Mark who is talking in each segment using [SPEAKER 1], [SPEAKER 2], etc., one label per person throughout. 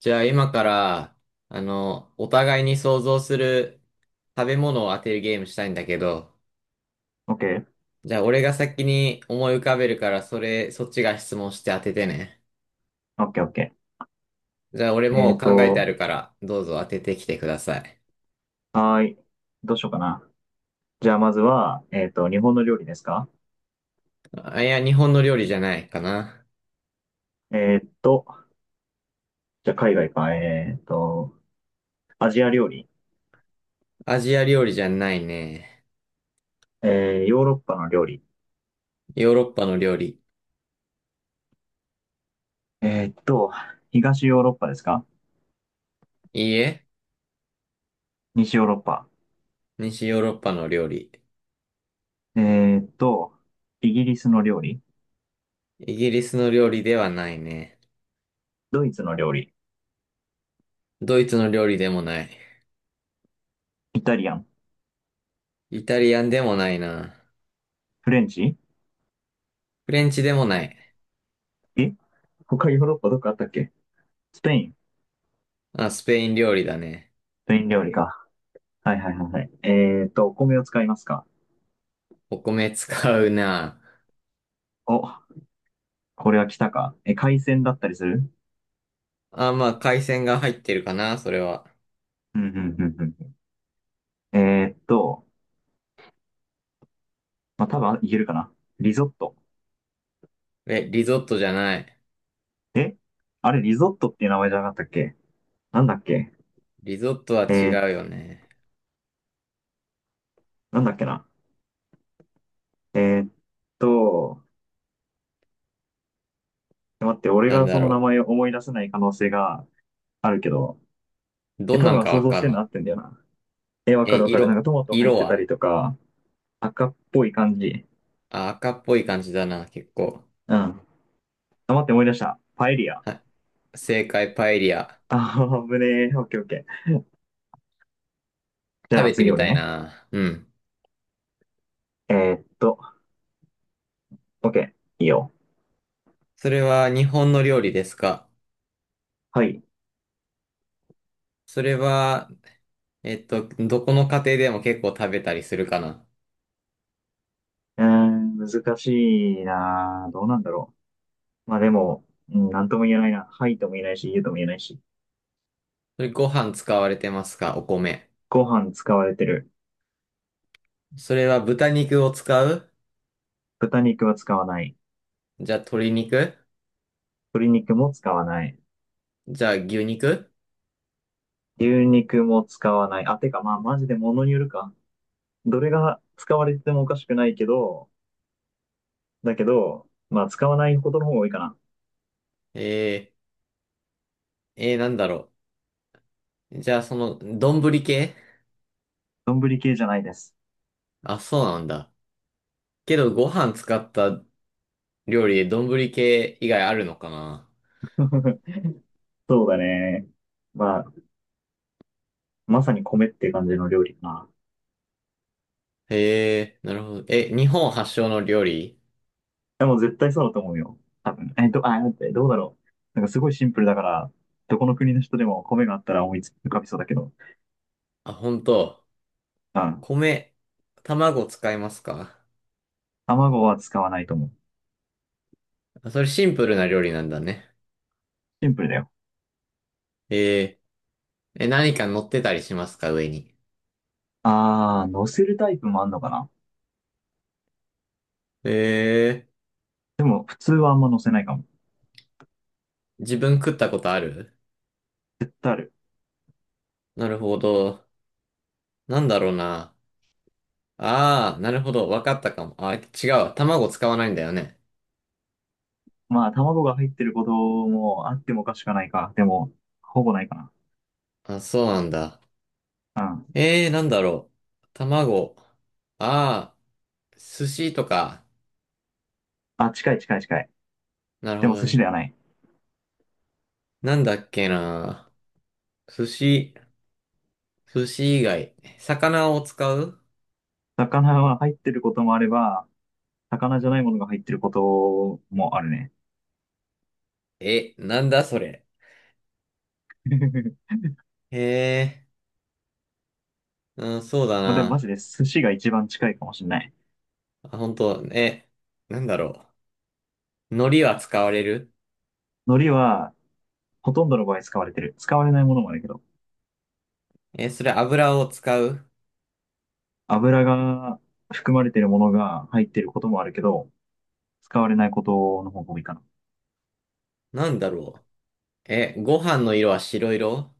[SPEAKER 1] じゃあ今から、お互いに想像する食べ物を当てるゲームしたいんだけど、
[SPEAKER 2] オッケー、
[SPEAKER 1] じゃあ俺が先に思い浮かべるから、それ、そっちが質問して当ててね。
[SPEAKER 2] オッケー、オッケ
[SPEAKER 1] じゃあ俺
[SPEAKER 2] ー。
[SPEAKER 1] もう考えてあるから、どうぞ当ててきてください。
[SPEAKER 2] はーい。どうしようかな。じゃあ、まずは、日本の料理ですか？
[SPEAKER 1] あ、いや、日本の料理じゃないかな。
[SPEAKER 2] えっと、じゃあ、海外か。アジア料理。
[SPEAKER 1] アジア料理じゃないね。
[SPEAKER 2] ヨーロッパの料理。
[SPEAKER 1] ヨーロッパの料理。
[SPEAKER 2] えっと、東ヨーロッパですか？
[SPEAKER 1] いいえ、
[SPEAKER 2] 西ヨーロッパ。
[SPEAKER 1] 西ヨーロッパの料理。
[SPEAKER 2] えっと、イギリスの料理。
[SPEAKER 1] イギリスの料理ではないね。
[SPEAKER 2] ドイツの料理。
[SPEAKER 1] ドイツの料理でもない。
[SPEAKER 2] イタリアン。
[SPEAKER 1] イタリアンでもないな。
[SPEAKER 2] フレンチ。
[SPEAKER 1] フレンチでもない。
[SPEAKER 2] え他ヨーロッパどこあったっけ？スペイン。ス
[SPEAKER 1] あ、スペイン料理だね。
[SPEAKER 2] ペイン料理か。はいはいはいはい。お米を使いますか？
[SPEAKER 1] お米使うな。
[SPEAKER 2] お、これは来たか。海鮮だったりする？
[SPEAKER 1] あ、まあ、海鮮が入ってるかな、それは。
[SPEAKER 2] うんうんうんうん。まあ、多分いけるかな。リゾット。
[SPEAKER 1] え、リゾットじゃない。
[SPEAKER 2] えあれ、リゾットっていう名前じゃなかったっけ？なんだっけ？
[SPEAKER 1] リゾットは
[SPEAKER 2] え
[SPEAKER 1] 違
[SPEAKER 2] ー、
[SPEAKER 1] うよね。
[SPEAKER 2] なんだっけな。えーっと、待って、俺
[SPEAKER 1] なん
[SPEAKER 2] が
[SPEAKER 1] だ
[SPEAKER 2] その名
[SPEAKER 1] ろ
[SPEAKER 2] 前を思い出せない可能性があるけど、
[SPEAKER 1] う。どん
[SPEAKER 2] 多
[SPEAKER 1] なん
[SPEAKER 2] 分
[SPEAKER 1] か
[SPEAKER 2] 想
[SPEAKER 1] わ
[SPEAKER 2] 像し
[SPEAKER 1] か
[SPEAKER 2] て
[SPEAKER 1] ん
[SPEAKER 2] るの合
[SPEAKER 1] の？
[SPEAKER 2] ってんだよな。わか
[SPEAKER 1] え、
[SPEAKER 2] るわかる。なんか
[SPEAKER 1] 色、
[SPEAKER 2] トマト入っ
[SPEAKER 1] 色
[SPEAKER 2] てたり
[SPEAKER 1] は？
[SPEAKER 2] とか、赤っぽい感じ。
[SPEAKER 1] あ、赤っぽい感じだな、結構。
[SPEAKER 2] うん。あ、待って、思い出した。パエリア。
[SPEAKER 1] はい。正解、パエリア。
[SPEAKER 2] あー、危ねえ。オッケーオッケー。じ
[SPEAKER 1] 食
[SPEAKER 2] ゃあ
[SPEAKER 1] べて
[SPEAKER 2] 次
[SPEAKER 1] み
[SPEAKER 2] 俺
[SPEAKER 1] たい
[SPEAKER 2] ね。
[SPEAKER 1] な。うん。
[SPEAKER 2] えーっと、オッケー。いいよ。
[SPEAKER 1] それは日本の料理ですか？
[SPEAKER 2] はい。
[SPEAKER 1] それは、どこの家庭でも結構食べたりするかな？
[SPEAKER 2] えー、難しいなぁ。どうなんだろう。まあでも、うん、なんとも言えないな。はいとも言えないし、言うとも言えないし。
[SPEAKER 1] それご飯使われてますか？お米。
[SPEAKER 2] ご飯使われてる。
[SPEAKER 1] それは豚肉を使う？
[SPEAKER 2] 豚肉は使わない。
[SPEAKER 1] じゃあ鶏肉？
[SPEAKER 2] 鶏肉も使わない。
[SPEAKER 1] じゃあ牛肉？
[SPEAKER 2] 牛肉も使わない。あ、てかまあマジで物によるか。どれが使われてもおかしくないけど、だけど、まあ使わないことの方が多いかな。
[SPEAKER 1] えー、えー、なんだろう。じゃあその、丼系？
[SPEAKER 2] 丼系じゃないです。
[SPEAKER 1] あ、そうなんだ。けどご飯使った料理で丼系以外あるのかな？
[SPEAKER 2] そうだね。まあ、まさに米って感じの料理かな。
[SPEAKER 1] へえー、なるほど。え、日本発祥の料理？
[SPEAKER 2] や、もう絶対そうだと思うよ。多分。あ、待って、どうだろう。なんかすごいシンプルだから、どこの国の人でも米があったら思いつ浮かびそうだけど。
[SPEAKER 1] あ、本当。
[SPEAKER 2] うん。
[SPEAKER 1] 米、卵使いますか？
[SPEAKER 2] 卵は使わないと思う。
[SPEAKER 1] あ、それシンプルな料理なんだね。
[SPEAKER 2] シンプルだよ。
[SPEAKER 1] えー、え、何か乗ってたりしますか上に。
[SPEAKER 2] あー、乗せるタイプもあんのかな。
[SPEAKER 1] え
[SPEAKER 2] でも、普通はあんま乗せないかも。
[SPEAKER 1] ー、自分食ったことある？
[SPEAKER 2] 絶対ある。
[SPEAKER 1] なるほど。なんだろうな。ああ、なるほど。わかったかも。あ、違うわ。卵使わないんだよね。
[SPEAKER 2] まあ、卵が入ってることもあってもおかしくはないか。でも、ほぼないかな。
[SPEAKER 1] あ、そうなんだ。
[SPEAKER 2] うん。
[SPEAKER 1] ええー、なんだろう。卵。ああ、寿司とか。
[SPEAKER 2] あ、近い近い近い。
[SPEAKER 1] なる
[SPEAKER 2] で
[SPEAKER 1] ほ
[SPEAKER 2] も
[SPEAKER 1] ど
[SPEAKER 2] 寿司
[SPEAKER 1] ね。
[SPEAKER 2] ではない。
[SPEAKER 1] なんだっけな。寿司、寿司以外。魚を使う？
[SPEAKER 2] 魚は入ってることもあれば、魚じゃないものが入ってることもあるね。
[SPEAKER 1] え、なんだそれ。ええー、うん、そうだ
[SPEAKER 2] まあ、でもマジ
[SPEAKER 1] な。
[SPEAKER 2] で寿司が一番近いかもしれない。
[SPEAKER 1] あ、本当？え、なんだろう。海苔は使われる？
[SPEAKER 2] 海苔はほとんどの場合使われてる。使われないものもあるけど、
[SPEAKER 1] え、それ油を使う？
[SPEAKER 2] 油が含まれてるものが入ってることもあるけど、使われないことの方が多いかな。
[SPEAKER 1] なんだろう。え、ご飯の色は白色？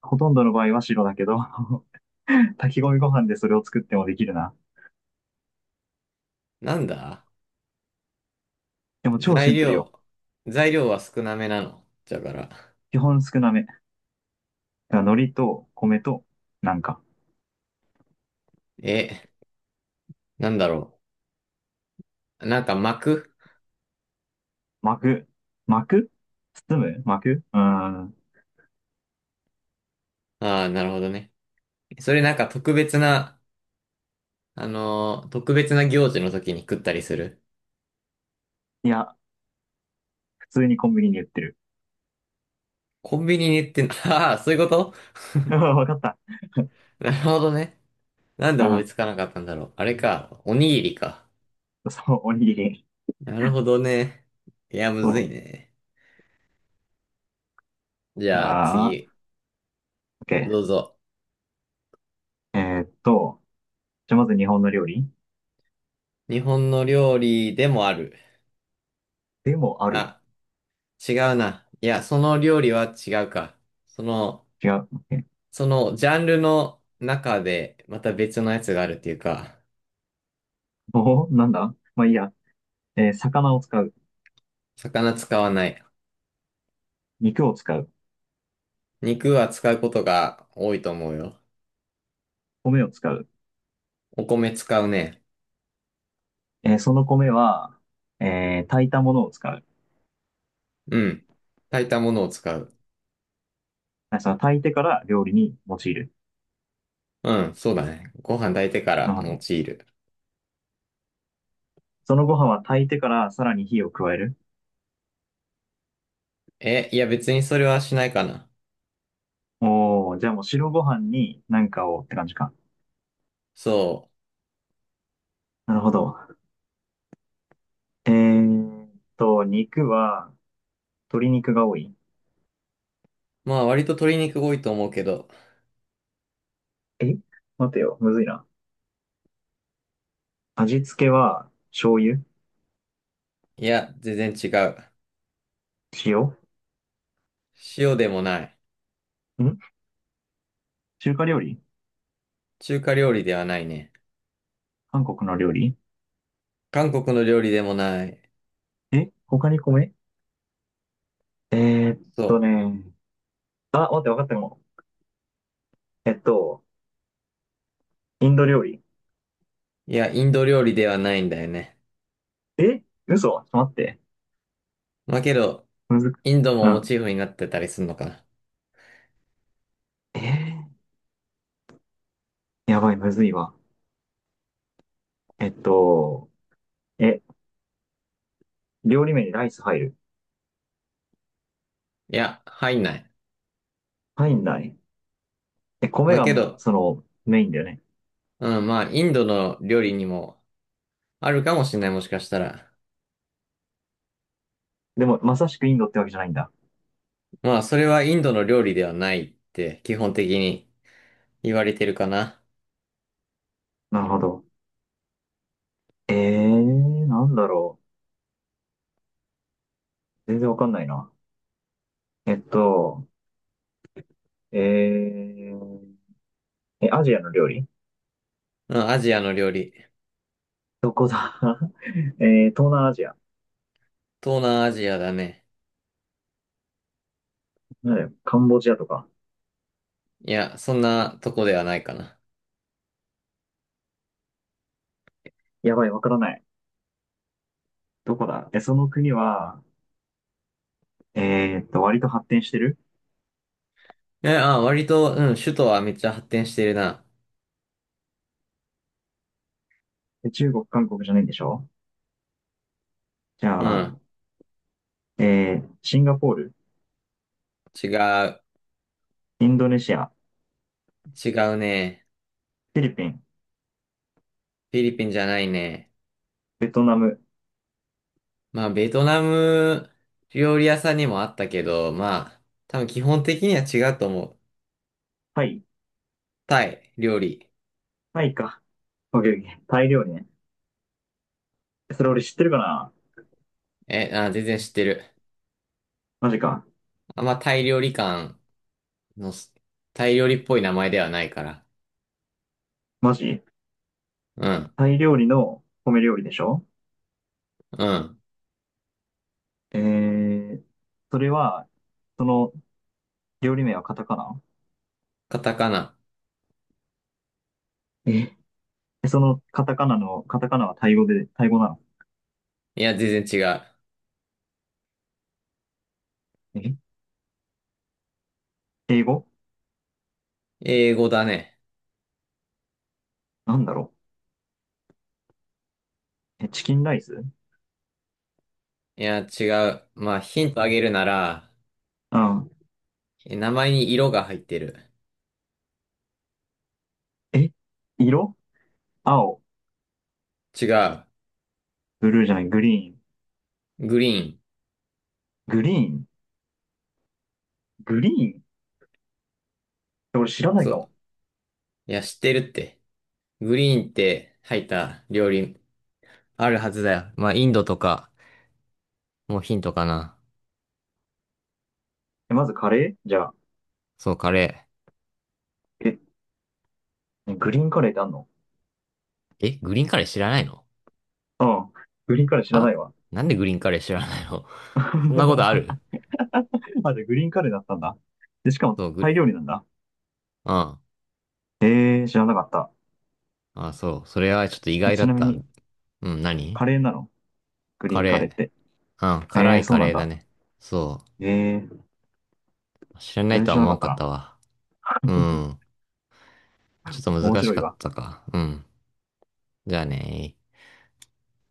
[SPEAKER 2] ほとんどの場合は白だけど、炊き込みご飯でそれを作ってもできるな。
[SPEAKER 1] なんだ
[SPEAKER 2] でも超シ
[SPEAKER 1] 材
[SPEAKER 2] ンプル
[SPEAKER 1] 料、
[SPEAKER 2] よ。
[SPEAKER 1] 材料は少なめなの。だから。
[SPEAKER 2] 基本少なめ。だから海苔と米と、なんか、
[SPEAKER 1] え、なんだろう。なんか巻く？
[SPEAKER 2] 巻く。巻く包む巻くうーん。
[SPEAKER 1] ああー、なるほどね。それなんか特別な、特別な行事の時に食ったりする。
[SPEAKER 2] いや、普通にコンビニに売ってる。
[SPEAKER 1] コンビニに行ってん、ああ、そういうこと？
[SPEAKER 2] わかった。
[SPEAKER 1] なるほどね。なんで
[SPEAKER 2] う
[SPEAKER 1] 思い
[SPEAKER 2] ん。
[SPEAKER 1] つかなかったんだろう。あれか、おにぎりか。
[SPEAKER 2] そう、おにぎり。
[SPEAKER 1] なるほどね。いや、む
[SPEAKER 2] そ
[SPEAKER 1] ずい
[SPEAKER 2] う。
[SPEAKER 1] ね。じ
[SPEAKER 2] じ
[SPEAKER 1] ゃあ
[SPEAKER 2] ゃあ、
[SPEAKER 1] 次、
[SPEAKER 2] OK。
[SPEAKER 1] どうぞ。
[SPEAKER 2] ーっと、じゃあまず日本の料理？
[SPEAKER 1] 日本の料理でもある。
[SPEAKER 2] でもある。
[SPEAKER 1] あ、違うな。いや、その料理は違うか。その、
[SPEAKER 2] 違う。OK。
[SPEAKER 1] そのジャンルの中でまた別のやつがあるっていうか、
[SPEAKER 2] おお、なんだまあいいや。魚を使う？
[SPEAKER 1] 魚使わない。
[SPEAKER 2] 肉を使う？
[SPEAKER 1] 肉は使うことが多いと思うよ。
[SPEAKER 2] 米を使う？
[SPEAKER 1] お米使うね。
[SPEAKER 2] その米は、炊いたものを使う？
[SPEAKER 1] うん。炊いたものを使う。
[SPEAKER 2] あその炊いてから料理に用いる？
[SPEAKER 1] うん、そうだね。ご飯炊いてか
[SPEAKER 2] な
[SPEAKER 1] ら
[SPEAKER 2] るほ
[SPEAKER 1] 用
[SPEAKER 2] ど。
[SPEAKER 1] いる。
[SPEAKER 2] そのご飯は炊いてからさらに火を加える？
[SPEAKER 1] え、いや別にそれはしないかな。
[SPEAKER 2] おお、じゃあもう白ご飯に何かをって感じか。
[SPEAKER 1] そ
[SPEAKER 2] なるほど。えーっ肉は鶏肉が多い？
[SPEAKER 1] う。まあ割と鶏肉多いと思うけど。
[SPEAKER 2] え待てよ、むずいな。味付けは醤油？
[SPEAKER 1] いや、全然違う。
[SPEAKER 2] 塩？
[SPEAKER 1] 塩でもない。
[SPEAKER 2] ん中華料理？
[SPEAKER 1] 中華料理ではないね。
[SPEAKER 2] 韓国の料理？
[SPEAKER 1] 韓国の料理でもない。
[SPEAKER 2] 他に米、えーっ
[SPEAKER 1] そう。
[SPEAKER 2] ね。あ、待って、分かったも。えっと、インド料理。
[SPEAKER 1] いや、インド料理ではないんだよね。
[SPEAKER 2] 嘘ちょっと待って。
[SPEAKER 1] まあけど、
[SPEAKER 2] むずく、
[SPEAKER 1] インド
[SPEAKER 2] う
[SPEAKER 1] もモ
[SPEAKER 2] ん。
[SPEAKER 1] チーフになってたりするのかな。
[SPEAKER 2] えやばい、むずいわ。えっと、え、料理名にライス入る？
[SPEAKER 1] いや、入んない。
[SPEAKER 2] 入んない。
[SPEAKER 1] ま
[SPEAKER 2] 米
[SPEAKER 1] あ
[SPEAKER 2] が、
[SPEAKER 1] けど、
[SPEAKER 2] メインだよね。
[SPEAKER 1] うん、まあ、インドの料理にもあるかもしれない、もしかしたら。
[SPEAKER 2] でも、まさしくインドってわけじゃないんだ。
[SPEAKER 1] まあ、それはインドの料理ではないって基本的に言われてるかな。
[SPEAKER 2] なるほど。えなんだろう。全然わかんないな。えっと、えー、アジアの料理？
[SPEAKER 1] うん、アジアの料理。
[SPEAKER 2] どこだ？ 東南アジア。
[SPEAKER 1] 東南アジアだね。
[SPEAKER 2] なんだよカンボジアとか。
[SPEAKER 1] いや、そんなとこではないかな。
[SPEAKER 2] やばい、わからない。どこだ。その国は、割と発展してる？
[SPEAKER 1] え、あ、割と、うん、首都はめっちゃ発展してるな。
[SPEAKER 2] 中国、韓国じゃないんでしょ？じ
[SPEAKER 1] う
[SPEAKER 2] ゃ
[SPEAKER 1] ん、
[SPEAKER 2] あ、シンガポール、
[SPEAKER 1] 違う。
[SPEAKER 2] インドネシア、
[SPEAKER 1] 違うね。
[SPEAKER 2] フィリピン、
[SPEAKER 1] フィリピンじゃないね。
[SPEAKER 2] ベトナム、
[SPEAKER 1] まあ、ベトナム料理屋さんにもあったけど、まあ、多分基本的には違うと思う。
[SPEAKER 2] タイ、
[SPEAKER 1] タイ料理。
[SPEAKER 2] タイか。オッケーオッケー。タイ料理ね。それ俺知ってるかな？
[SPEAKER 1] え、あ、全然知ってる。
[SPEAKER 2] マジか。
[SPEAKER 1] あんまタイ料理館のす、タイ料理っぽい名前ではないから。
[SPEAKER 2] マジ？
[SPEAKER 1] うん、
[SPEAKER 2] タイ料理の米料理でしょ？
[SPEAKER 1] うん。
[SPEAKER 2] えー、それは、その料理名はカタカナ？
[SPEAKER 1] カタカナ。
[SPEAKER 2] えそのカタカナの、カタカナはタイ語で、タイ語なの？
[SPEAKER 1] いや、全然違う。
[SPEAKER 2] え英語？
[SPEAKER 1] 英語だね。
[SPEAKER 2] なんだろう。チキンライス？
[SPEAKER 1] いや、違う。まあ、ヒントあげるなら、
[SPEAKER 2] うん。
[SPEAKER 1] え名前に色が入ってる。
[SPEAKER 2] え色？青？
[SPEAKER 1] 違う。
[SPEAKER 2] ブルーじゃない、グリーン。
[SPEAKER 1] グリーン。
[SPEAKER 2] グリーン。グリーンって俺知らない
[SPEAKER 1] そ
[SPEAKER 2] か
[SPEAKER 1] う。
[SPEAKER 2] も。
[SPEAKER 1] いや、知ってるって。グリーンって入った料理あるはずだよ。まあ、インドとか、もうヒントかな。
[SPEAKER 2] まずカレーじゃあ。
[SPEAKER 1] そう、カレ
[SPEAKER 2] え、ねグリーンカレーってあんの？
[SPEAKER 1] ー。え、グリーンカレー知らないの？
[SPEAKER 2] うん。グリーンカレー知らな
[SPEAKER 1] は、
[SPEAKER 2] いわ。
[SPEAKER 1] なんでグリーンカレー知らないの？ そんなこと あ
[SPEAKER 2] あ、
[SPEAKER 1] る？
[SPEAKER 2] じゃあグリーンカレーだったんだ。で、しかも
[SPEAKER 1] そう、グ
[SPEAKER 2] タ
[SPEAKER 1] リ、
[SPEAKER 2] イ料理なんだ。
[SPEAKER 1] うん。
[SPEAKER 2] 知らなかった。
[SPEAKER 1] あ、そう。それはちょっと意外だ
[SPEAKER 2] ちな
[SPEAKER 1] っ
[SPEAKER 2] み
[SPEAKER 1] た。う
[SPEAKER 2] に、
[SPEAKER 1] ん、何
[SPEAKER 2] カレーなの？グリ
[SPEAKER 1] カ
[SPEAKER 2] ーンカレー
[SPEAKER 1] レ
[SPEAKER 2] って。
[SPEAKER 1] ー。うん、辛い
[SPEAKER 2] そ
[SPEAKER 1] カ
[SPEAKER 2] うな
[SPEAKER 1] レ
[SPEAKER 2] ん
[SPEAKER 1] ーだ
[SPEAKER 2] だ。
[SPEAKER 1] ね。そ
[SPEAKER 2] えー、
[SPEAKER 1] う。知らな
[SPEAKER 2] 全
[SPEAKER 1] い
[SPEAKER 2] 然
[SPEAKER 1] と
[SPEAKER 2] 知
[SPEAKER 1] は
[SPEAKER 2] ら
[SPEAKER 1] 思
[SPEAKER 2] な
[SPEAKER 1] わ
[SPEAKER 2] か
[SPEAKER 1] ん
[SPEAKER 2] った
[SPEAKER 1] かっ
[SPEAKER 2] な。
[SPEAKER 1] たわ。うん。ちょっと
[SPEAKER 2] 面
[SPEAKER 1] 難し
[SPEAKER 2] 白
[SPEAKER 1] か
[SPEAKER 2] い
[SPEAKER 1] っ
[SPEAKER 2] わ。
[SPEAKER 1] たか。うん。じゃあね